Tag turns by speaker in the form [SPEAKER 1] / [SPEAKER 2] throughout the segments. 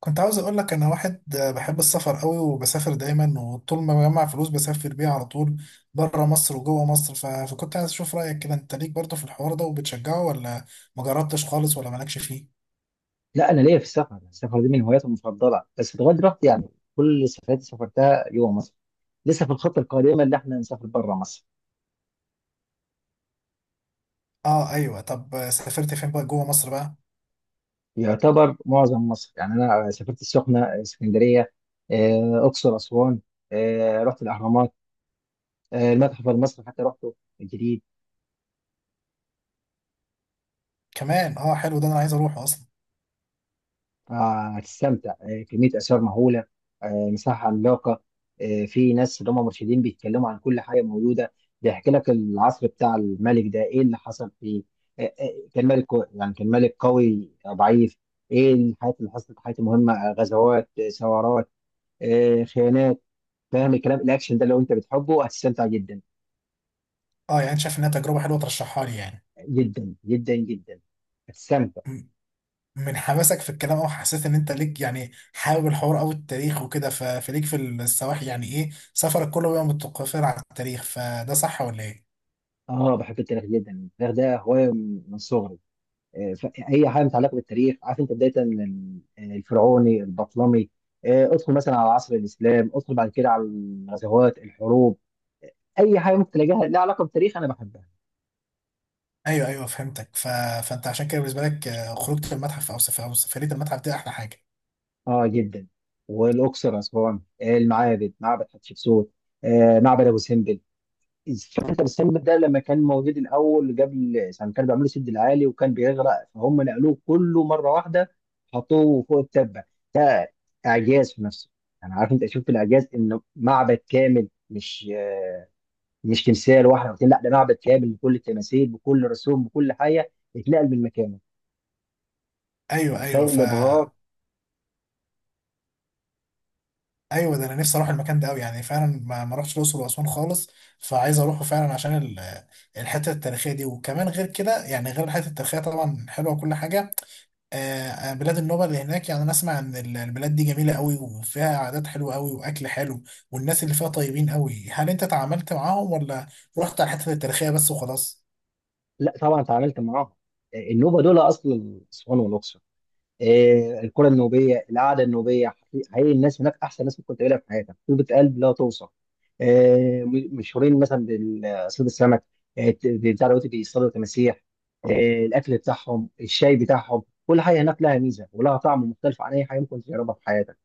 [SPEAKER 1] كنت عاوز اقول لك انا واحد بحب السفر قوي، وبسافر دايما، وطول ما بجمع فلوس بسافر بيها على طول بره مصر وجوه مصر. فكنت عايز اشوف رايك كده، انت ليك برضه في الحوار ده وبتشجعه، ولا ما جربتش خالص ولا مالكش فيه؟
[SPEAKER 2] لا، انا ليا في السفر. السفر دي من هواياتي المفضله بس لغايه دلوقتي يعني كل السفرات اللي سافرتها جوه مصر. لسه في الخطه القادمه اللي احنا نسافر بره مصر.
[SPEAKER 1] اه ايوه، طب سافرت فين بقى جوه مصر بقى؟
[SPEAKER 2] يعتبر معظم مصر، يعني انا سافرت السخنه، اسكندريه، اقصر، اسوان. رحت الاهرامات. المتحف المصري حتى رحته الجديد.
[SPEAKER 1] كمان اه، حلو ده، انا عايز اروحه اصلا.
[SPEAKER 2] هتستمتع. كمية آثار مهولة. مساحة عملاقة. في ناس اللي هم مرشدين بيتكلموا عن كل حاجة موجودة. بيحكي لك العصر بتاع الملك ده إيه اللي حصل فيه. يعني كان ملك قوي أو ضعيف. إيه الحاجات اللي حصلت؟ حاجات مهمة، غزوات، ثورات، خيانات. فاهم الكلام؟ الأكشن ده لو أنت بتحبه هتستمتع جدا
[SPEAKER 1] اه يعني انت شايف انها تجربه حلوه ترشحها لي يعني؟
[SPEAKER 2] جدا جدا جدا. هتستمتع.
[SPEAKER 1] م- من حماسك في الكلام، او حسيت ان انت ليك، يعني حابب الحوار او التاريخ وكده، فليك في السواحل، يعني ايه، سفرك كله بيبقى متقفر على التاريخ؟ فده صح ولا ايه؟
[SPEAKER 2] بحب التاريخ جدا. التاريخ ده هواية من صغري. ف- اي حاجه متعلقه بالتاريخ، عارف انت، بدايه من الفرعوني، البطلمي، ادخل مثلا على عصر الاسلام، ادخل بعد كده على الغزوات، الحروب. اي حاجه ممكن تلاقيها لها علاقه بالتاريخ انا بحبها.
[SPEAKER 1] ايوه ايوه فهمتك. فانت عشان كده بالنسبه لك، خروجه المتحف او سفريه المتحف دي احلى حاجه.
[SPEAKER 2] اه، جدا. والاقصر، اسوان، المعابد، معبد حتشبسوت، معبد ابو سمبل. شفت السم ده لما كان موجود الاول، قبل يعني كانوا بيعملوا سد العالي وكان بيغرق، فهم نقلوه كله مره واحده، حطوه فوق التبه. ده اعجاز في نفسه. انا عارف انت شفت الاعجاز، انه معبد كامل، مش مش تمثال واحد او اتنين، لا ده معبد كامل بكل التماثيل، بكل رسوم، بكل حاجه اتنقل من مكانه.
[SPEAKER 1] ايوه ايوه
[SPEAKER 2] متخيل الابهار؟
[SPEAKER 1] ايوه، ده انا نفسي اروح المكان ده قوي، يعني فعلا ما رحتش الاقصر واسوان خالص. فعايز اروحه فعلا عشان الحته التاريخيه دي، وكمان غير كده، يعني غير الحته التاريخيه طبعا حلوه وكل حاجه. بلاد النوبه اللي هناك، يعني انا اسمع ان البلاد دي جميله قوي وفيها عادات حلوه قوي واكل حلو، والناس اللي فيها طيبين قوي. هل انت تعاملت معاهم، ولا رحت على الحته التاريخيه بس وخلاص؟
[SPEAKER 2] لا طبعا اتعاملت معاهم. النوبه دول اصل اسوان والاقصر. الكره النوبيه، القعده النوبيه. حقيقي الناس هناك احسن ناس ممكن تقابلها في حياتك، طيبه قلب لا توصف. مشهورين مثلا بصيد السمك. بتاع دلوقتي بيصطادوا تماسيح. آه، الاكل بتاعهم، الشاي بتاعهم، كل حاجه هناك لها ميزه ولها طعم مختلف عن اي حاجه ممكن تجربها في حياتك.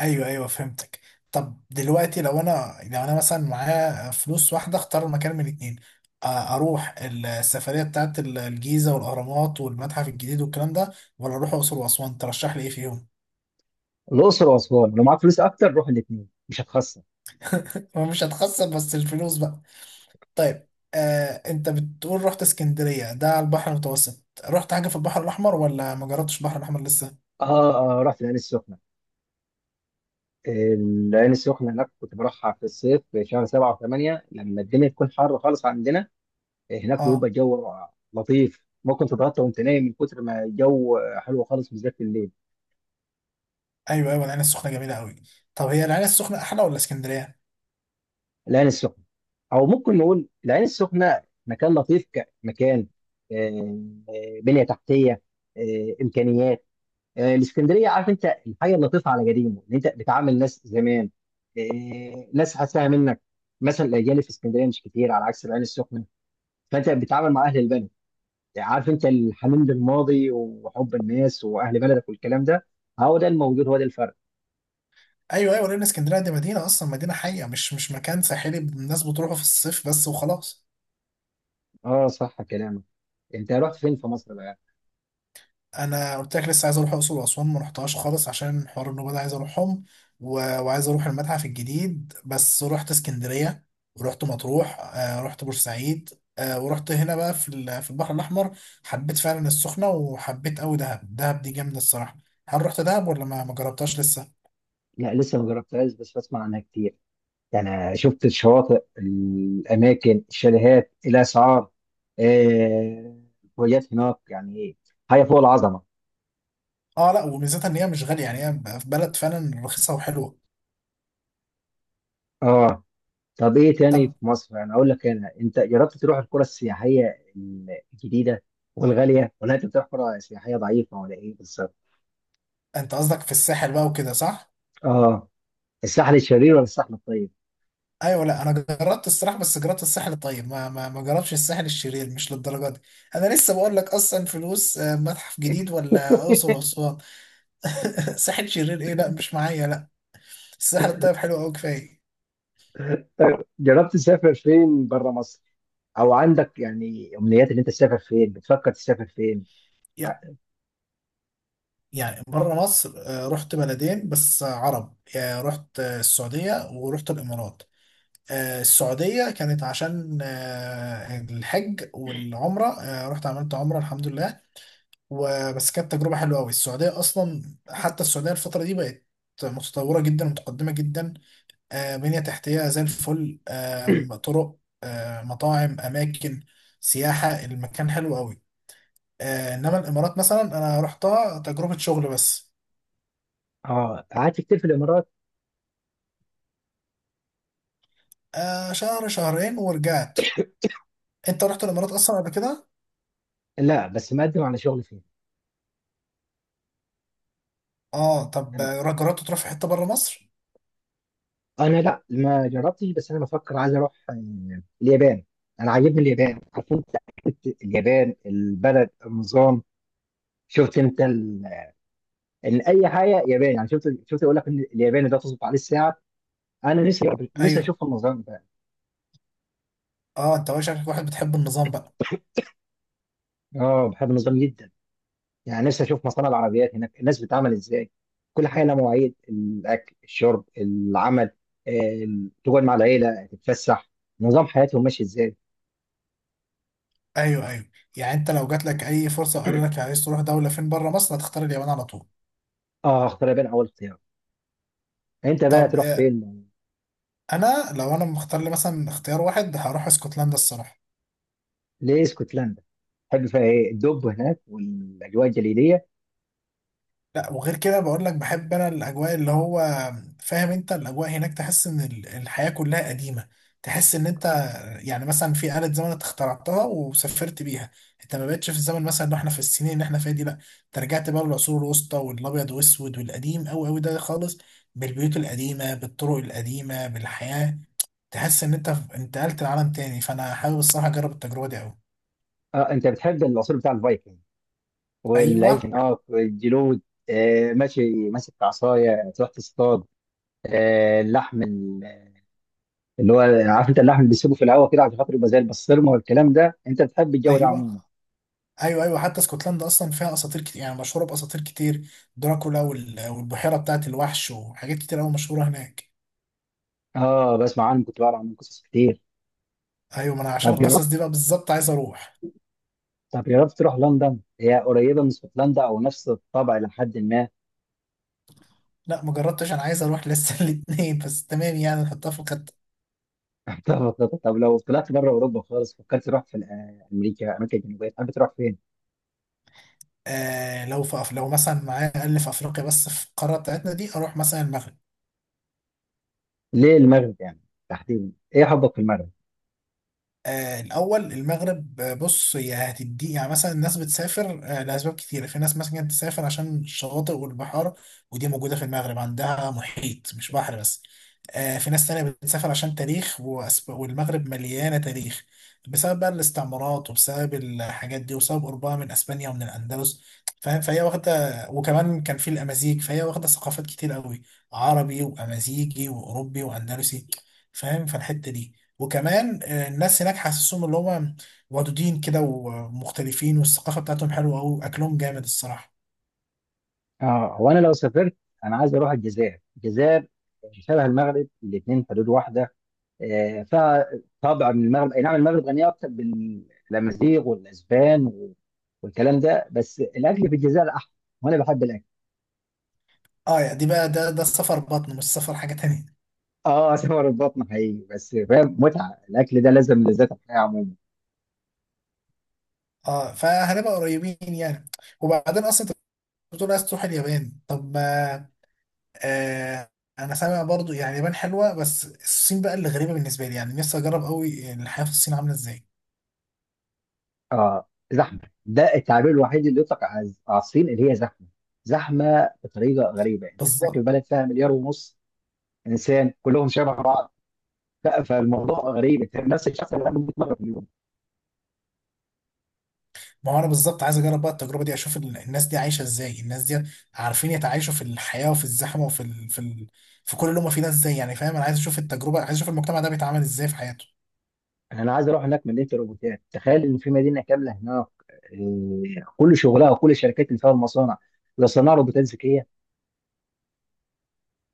[SPEAKER 1] ايوه ايوه فهمتك. طب دلوقتي، لو انا مثلا معايا فلوس واحده اختار مكان من اتنين، اروح السفريه بتاعت الجيزه والاهرامات والمتحف الجديد والكلام ده، ولا اروح الاقصر واسوان، ترشح لي ايه فيهم؟
[SPEAKER 2] الاقصر واسوان لو معاك فلوس اكتر روح الاثنين مش هتخسر.
[SPEAKER 1] مش هتخسر بس الفلوس بقى. طيب، انت بتقول رحت اسكندريه، ده على البحر المتوسط، رحت حاجه في البحر الاحمر ولا ما جربتش البحر الاحمر لسه؟
[SPEAKER 2] اه، اه، رحت العين السخنه. العين السخنه هناك كنت بروحها في الصيف، في شهر 7 و8 لما الدنيا تكون حر خالص عندنا. هناك بيبقى
[SPEAKER 1] اه
[SPEAKER 2] الجو لطيف، ممكن تتغطى وانت نايم من كتر ما الجو حلو خالص، بالذات في الليل.
[SPEAKER 1] ايوه ايوه، العين السخنه جميله قوي. طب هي العين السخنه احلى ولا اسكندريه؟
[SPEAKER 2] العين السخنه، او ممكن نقول العين السخنه مكان لطيف، كمكان، آه، بنيه تحتيه، امكانيات. الاسكندريه، عارف انت الحاجه اللطيفه على قديمه، ان انت بتعامل ناس زمان، ناس حاساها منك. مثلا الاجيال في اسكندريه مش كتير على عكس العين السخنه، فانت بتتعامل مع اهل البلد، عارف انت، الحنين للماضي وحب الناس واهل بلدك والكلام ده. هو ده الموجود، هو ده الفرق.
[SPEAKER 1] ايوه ايوه، لان اسكندريه دي مدينه، اصلا مدينه حقيقه، مش مكان ساحلي الناس بتروحه في الصيف بس وخلاص.
[SPEAKER 2] اه صح كلامك. انت رحت فين في مصر بقى؟
[SPEAKER 1] انا قلت لك لسه عايز اروح الاقصر واسوان، ما رحتهاش خالص، عشان حوار النوبه ده عايز اروحهم، وعايز اروح المتحف الجديد. بس رحت اسكندريه، ورحت مطروح، رحت بورسعيد، ورحت هنا بقى في في البحر الاحمر. حبيت فعلا السخنه، وحبيت قوي دهب، دهب دي جامده الصراحه. هل رحت دهب، ولا ما جربتهاش لسه؟
[SPEAKER 2] لا، لسه ما جربتهاش بس بسمع عنها كتير. انا شفت الشواطئ، الاماكن، الشاليهات، الاسعار، آه، الفوجات هناك، يعني ايه، حاجه فوق العظمه.
[SPEAKER 1] اه لا، وميزتها ان هي مش غاليه، يعني هي بلد فعلا رخيصه وحلوه.
[SPEAKER 2] اه. طب ايه تاني
[SPEAKER 1] طب،
[SPEAKER 2] في مصر؟ انا اقول لك، انت جربت تروح القرى السياحيه الجديده والغاليه، ولا انت بتروح قرى سياحيه ضعيفه ولا ايه بالظبط؟
[SPEAKER 1] انت قصدك في الساحل بقى وكده صح؟
[SPEAKER 2] اه. الساحل الشرير ولا الساحل الطيب؟
[SPEAKER 1] ايوه، لا انا جربت الصراحه، بس جربت الساحل الطيب، ما جربتش الساحل الشرير مش للدرجه دي. انا لسه بقول لك اصلا فلوس، متحف جديد ولا اقصر واسوان. ساحل شرير ايه، لا مش معايا لا، الساحل الطيب حلو قوي كفايه.
[SPEAKER 2] جربت تسافر فين بره مصر؟ او عندك يعني امنيات ان انت تسافر فين؟ بتفكر تسافر فين؟
[SPEAKER 1] يع- يعني بره مصر، رحت بلدين بس عرب، يعني رحت السعوديه، ورحت الامارات. السعوديه كانت عشان الحج والعمره، رحت عملت عمره الحمد لله. وبس كانت تجربة حلوة أوي، السعودية أصلا، حتى السعودية الفترة دي بقت متطورة جدا ومتقدمة جدا. بنية تحتية زي الفل، طرق، مطاعم، أماكن سياحة، المكان حلو أوي. إنما الإمارات مثلا أنا رحتها تجربة شغل بس،
[SPEAKER 2] اه قعدت كتير في الامارات؟
[SPEAKER 1] شهر شهرين ورجعت. أنت رحت الإمارات أصلا قبل كده؟
[SPEAKER 2] لا، بس مقدم على شغل فين.
[SPEAKER 1] آه طب،
[SPEAKER 2] انا،
[SPEAKER 1] جربت تروح في حتة بره مصر؟
[SPEAKER 2] لا ما جربتش بس انا بفكر عايز اروح اليابان. انا عاجبني اليابان، عارف انت، حتة اليابان البلد النظام. شفت انت ان اي حاجه ياباني، يعني شفت يقول لك ان الياباني ده تظبط عليه الساعه. انا نفسي
[SPEAKER 1] أيوه.
[SPEAKER 2] اشوف النظام ده.
[SPEAKER 1] آه، أنت بقى شكلك واحد بتحب النظام بقى.
[SPEAKER 2] اه بحب النظام جدا. يعني نفسي اشوف مصانع العربيات هناك الناس بتعمل ازاي. كل حاجه لها مواعيد، الاكل، الشرب، العمل، آه، تقعد مع العيله، تتفسح. نظام حياتهم ماشي ازاي.
[SPEAKER 1] ايوه ايوه، يعني انت لو جات لك اي فرصه وقالوا لك عايز تروح دوله فين بره مصر، هتختار اليابان على طول.
[SPEAKER 2] اه، اختار، بين اول اختيار. انت بقى
[SPEAKER 1] طب،
[SPEAKER 2] تروح فين؟
[SPEAKER 1] انا لو انا مختار لي مثلا اختيار واحد، هروح اسكتلندا الصراحه.
[SPEAKER 2] ليه اسكتلندا؟ تحب فيها ايه؟ الدب هناك والاجواء الجليديه؟
[SPEAKER 1] لا، وغير كده بقول لك بحب انا الاجواء، اللي هو فاهم انت، الاجواء هناك تحس ان الحياة كلها قديمة، تحس ان انت يعني مثلا في آلة زمن انت اخترعتها وسافرت بيها، انت ما بقتش في الزمن مثلا اللي احنا في السنين اللي احنا فيها دي، لا انت رجعت بقى للعصور الوسطى والابيض واسود والقديم قوي قوي ده خالص، بالبيوت القديمة، بالطرق القديمة، بالحياة، تحس ان انت انتقلت لعالم تاني. فانا حابب الصراحة اجرب التجربة دي قوي.
[SPEAKER 2] اه، انت بتحب العصور بتاع الفايكنج والعيش،
[SPEAKER 1] ايوه.
[SPEAKER 2] الجلود. ماشي ماسك عصايه تروح تصطاد. اللحم، اللي هو، عارف انت، اللحم اللي بيسيبه في الهواء كده عشان خاطر يبقى زي البسطرمه والكلام ده، انت بتحب الجو ده
[SPEAKER 1] ايوه
[SPEAKER 2] عموما؟
[SPEAKER 1] ايوه ايوه حتى اسكتلندا اصلا فيها اساطير كتير، يعني مشهوره باساطير كتير، دراكولا والبحيره بتاعت الوحش، وحاجات كتير قوي مشهوره هناك.
[SPEAKER 2] اه، بسمع عنه، كنت بقرا عنه قصص كتير.
[SPEAKER 1] ايوه، ما انا عشان
[SPEAKER 2] طب جربت،
[SPEAKER 1] القصص دي بقى بالظبط عايز اروح.
[SPEAKER 2] تروح لندن؟ هي قريبه من اسكتلندا او نفس الطبع لحد ما.
[SPEAKER 1] لا ما جربتش، انا عايز اروح لسه. الاثنين بس، تمام يعني، نحطها في الخطه.
[SPEAKER 2] طب لو طلعت بره اوروبا خالص، فكرت تروح في امريكا امريكا الجنوبيه؟ تحب تروح فين؟
[SPEAKER 1] آه، لو مثلا معايا اقل في افريقيا، بس في القاره بتاعتنا دي، اروح مثلا المغرب.
[SPEAKER 2] ليه المغرب يعني؟ تحديدا ايه حبك في المغرب؟
[SPEAKER 1] الأول المغرب، بص، هي هتدي، يعني مثلا الناس بتسافر لأسباب كتيرة، في ناس مثلا بتسافر عشان الشواطئ والبحار، ودي موجودة في المغرب، عندها محيط مش بحر بس. في ناس تانية بتسافر عشان تاريخ، والمغرب مليانة تاريخ، بسبب بقى الاستعمارات، وبسبب الحاجات دي، وبسبب قربها من أسبانيا ومن الأندلس، فاهم. فهي واخدة، وكمان كان في الأمازيغ، فهي واخدة ثقافات كتير قوي، عربي وأمازيغي وأوروبي وأندلسي، فاهم. فالحتة دي، وكمان الناس هناك حاسسهم اللي هم ودودين كده ومختلفين، والثقافة بتاعتهم حلوة أوي، أكلهم جامد الصراحة.
[SPEAKER 2] اه، هو انا لو سافرت، انا عايز اروح الجزائر. الجزائر شبه المغرب، الاثنين حدود واحده، آه، فطبعا المغرب اي نعم، المغرب غنيه اكثر بالامازيغ والاسبان والكلام ده، بس الاكل في الجزائر احلى، وانا بحب الاكل.
[SPEAKER 1] اه يعني دي بقى، ده السفر بطن، مش سفر حاجة تانية.
[SPEAKER 2] اه، سمر البطن حقيقي، بس فاهم، متعه الاكل ده لازم لذات الحياه عموما.
[SPEAKER 1] اه فهنبقى قريبين يعني. وبعدين اصلا انت بتقول عايز تروح اليابان، طب ما آه انا سامع برضو، يعني اليابان حلوة، بس الصين بقى اللي غريبة بالنسبة لي، يعني نفسي اجرب قوي الحياة في الصين عاملة ازاي.
[SPEAKER 2] اه، زحمه. ده التعبير الوحيد اللي يطلق على الصين، اللي هي زحمه. زحمه بطريقه غريبه، انت بتحكي في
[SPEAKER 1] بالظبط.
[SPEAKER 2] بلد فيها مليار ونص انسان، كلهم شبه بعض. فالموضوع غريب، انت نفس الشخص اللي عنده 100 مره.
[SPEAKER 1] ما هو انا بالظبط عايز اجرب بقى التجربه دي، اشوف الناس دي عايشه ازاي، الناس دي عارفين يتعايشوا في الحياه وفي الزحمه وفي في كل اللي هم فيه ده ازاي، يعني فاهم، انا عايز اشوف التجربه، عايز اشوف المجتمع ده بيتعامل ازاي في حياته.
[SPEAKER 2] انا عايز اروح هناك مدينه الروبوتات. تخيل ان في مدينه كامله هناك، إيه، كل شغلها وكل الشركات اللي فيها المصانع بيصنعوا روبوتات ذكيه.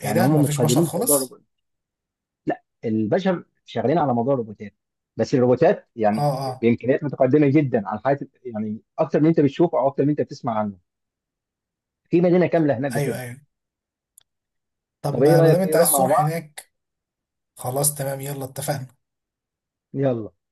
[SPEAKER 1] ايه
[SPEAKER 2] يعني هم
[SPEAKER 1] ده، مفيش بشر
[SPEAKER 2] متقدمين في موضوع
[SPEAKER 1] خالص؟
[SPEAKER 2] الروبوت. لا، البشر شغالين على موضوع الروبوتات، بس الروبوتات
[SPEAKER 1] اه
[SPEAKER 2] يعني
[SPEAKER 1] اه.
[SPEAKER 2] بامكانيات متقدمه جدا عن حياه، يعني اكتر من انت بتشوفه او اكتر من انت بتسمع عنه. في مدينه كامله هناك
[SPEAKER 1] ايوه
[SPEAKER 2] بكده.
[SPEAKER 1] ايوه، طب
[SPEAKER 2] طب ايه
[SPEAKER 1] ما دام
[SPEAKER 2] رايك؟ ايه
[SPEAKER 1] انت
[SPEAKER 2] نروح
[SPEAKER 1] عايز
[SPEAKER 2] مع
[SPEAKER 1] تروح
[SPEAKER 2] بعض؟
[SPEAKER 1] هناك، خلاص تمام يلا اتفقنا.
[SPEAKER 2] يلا.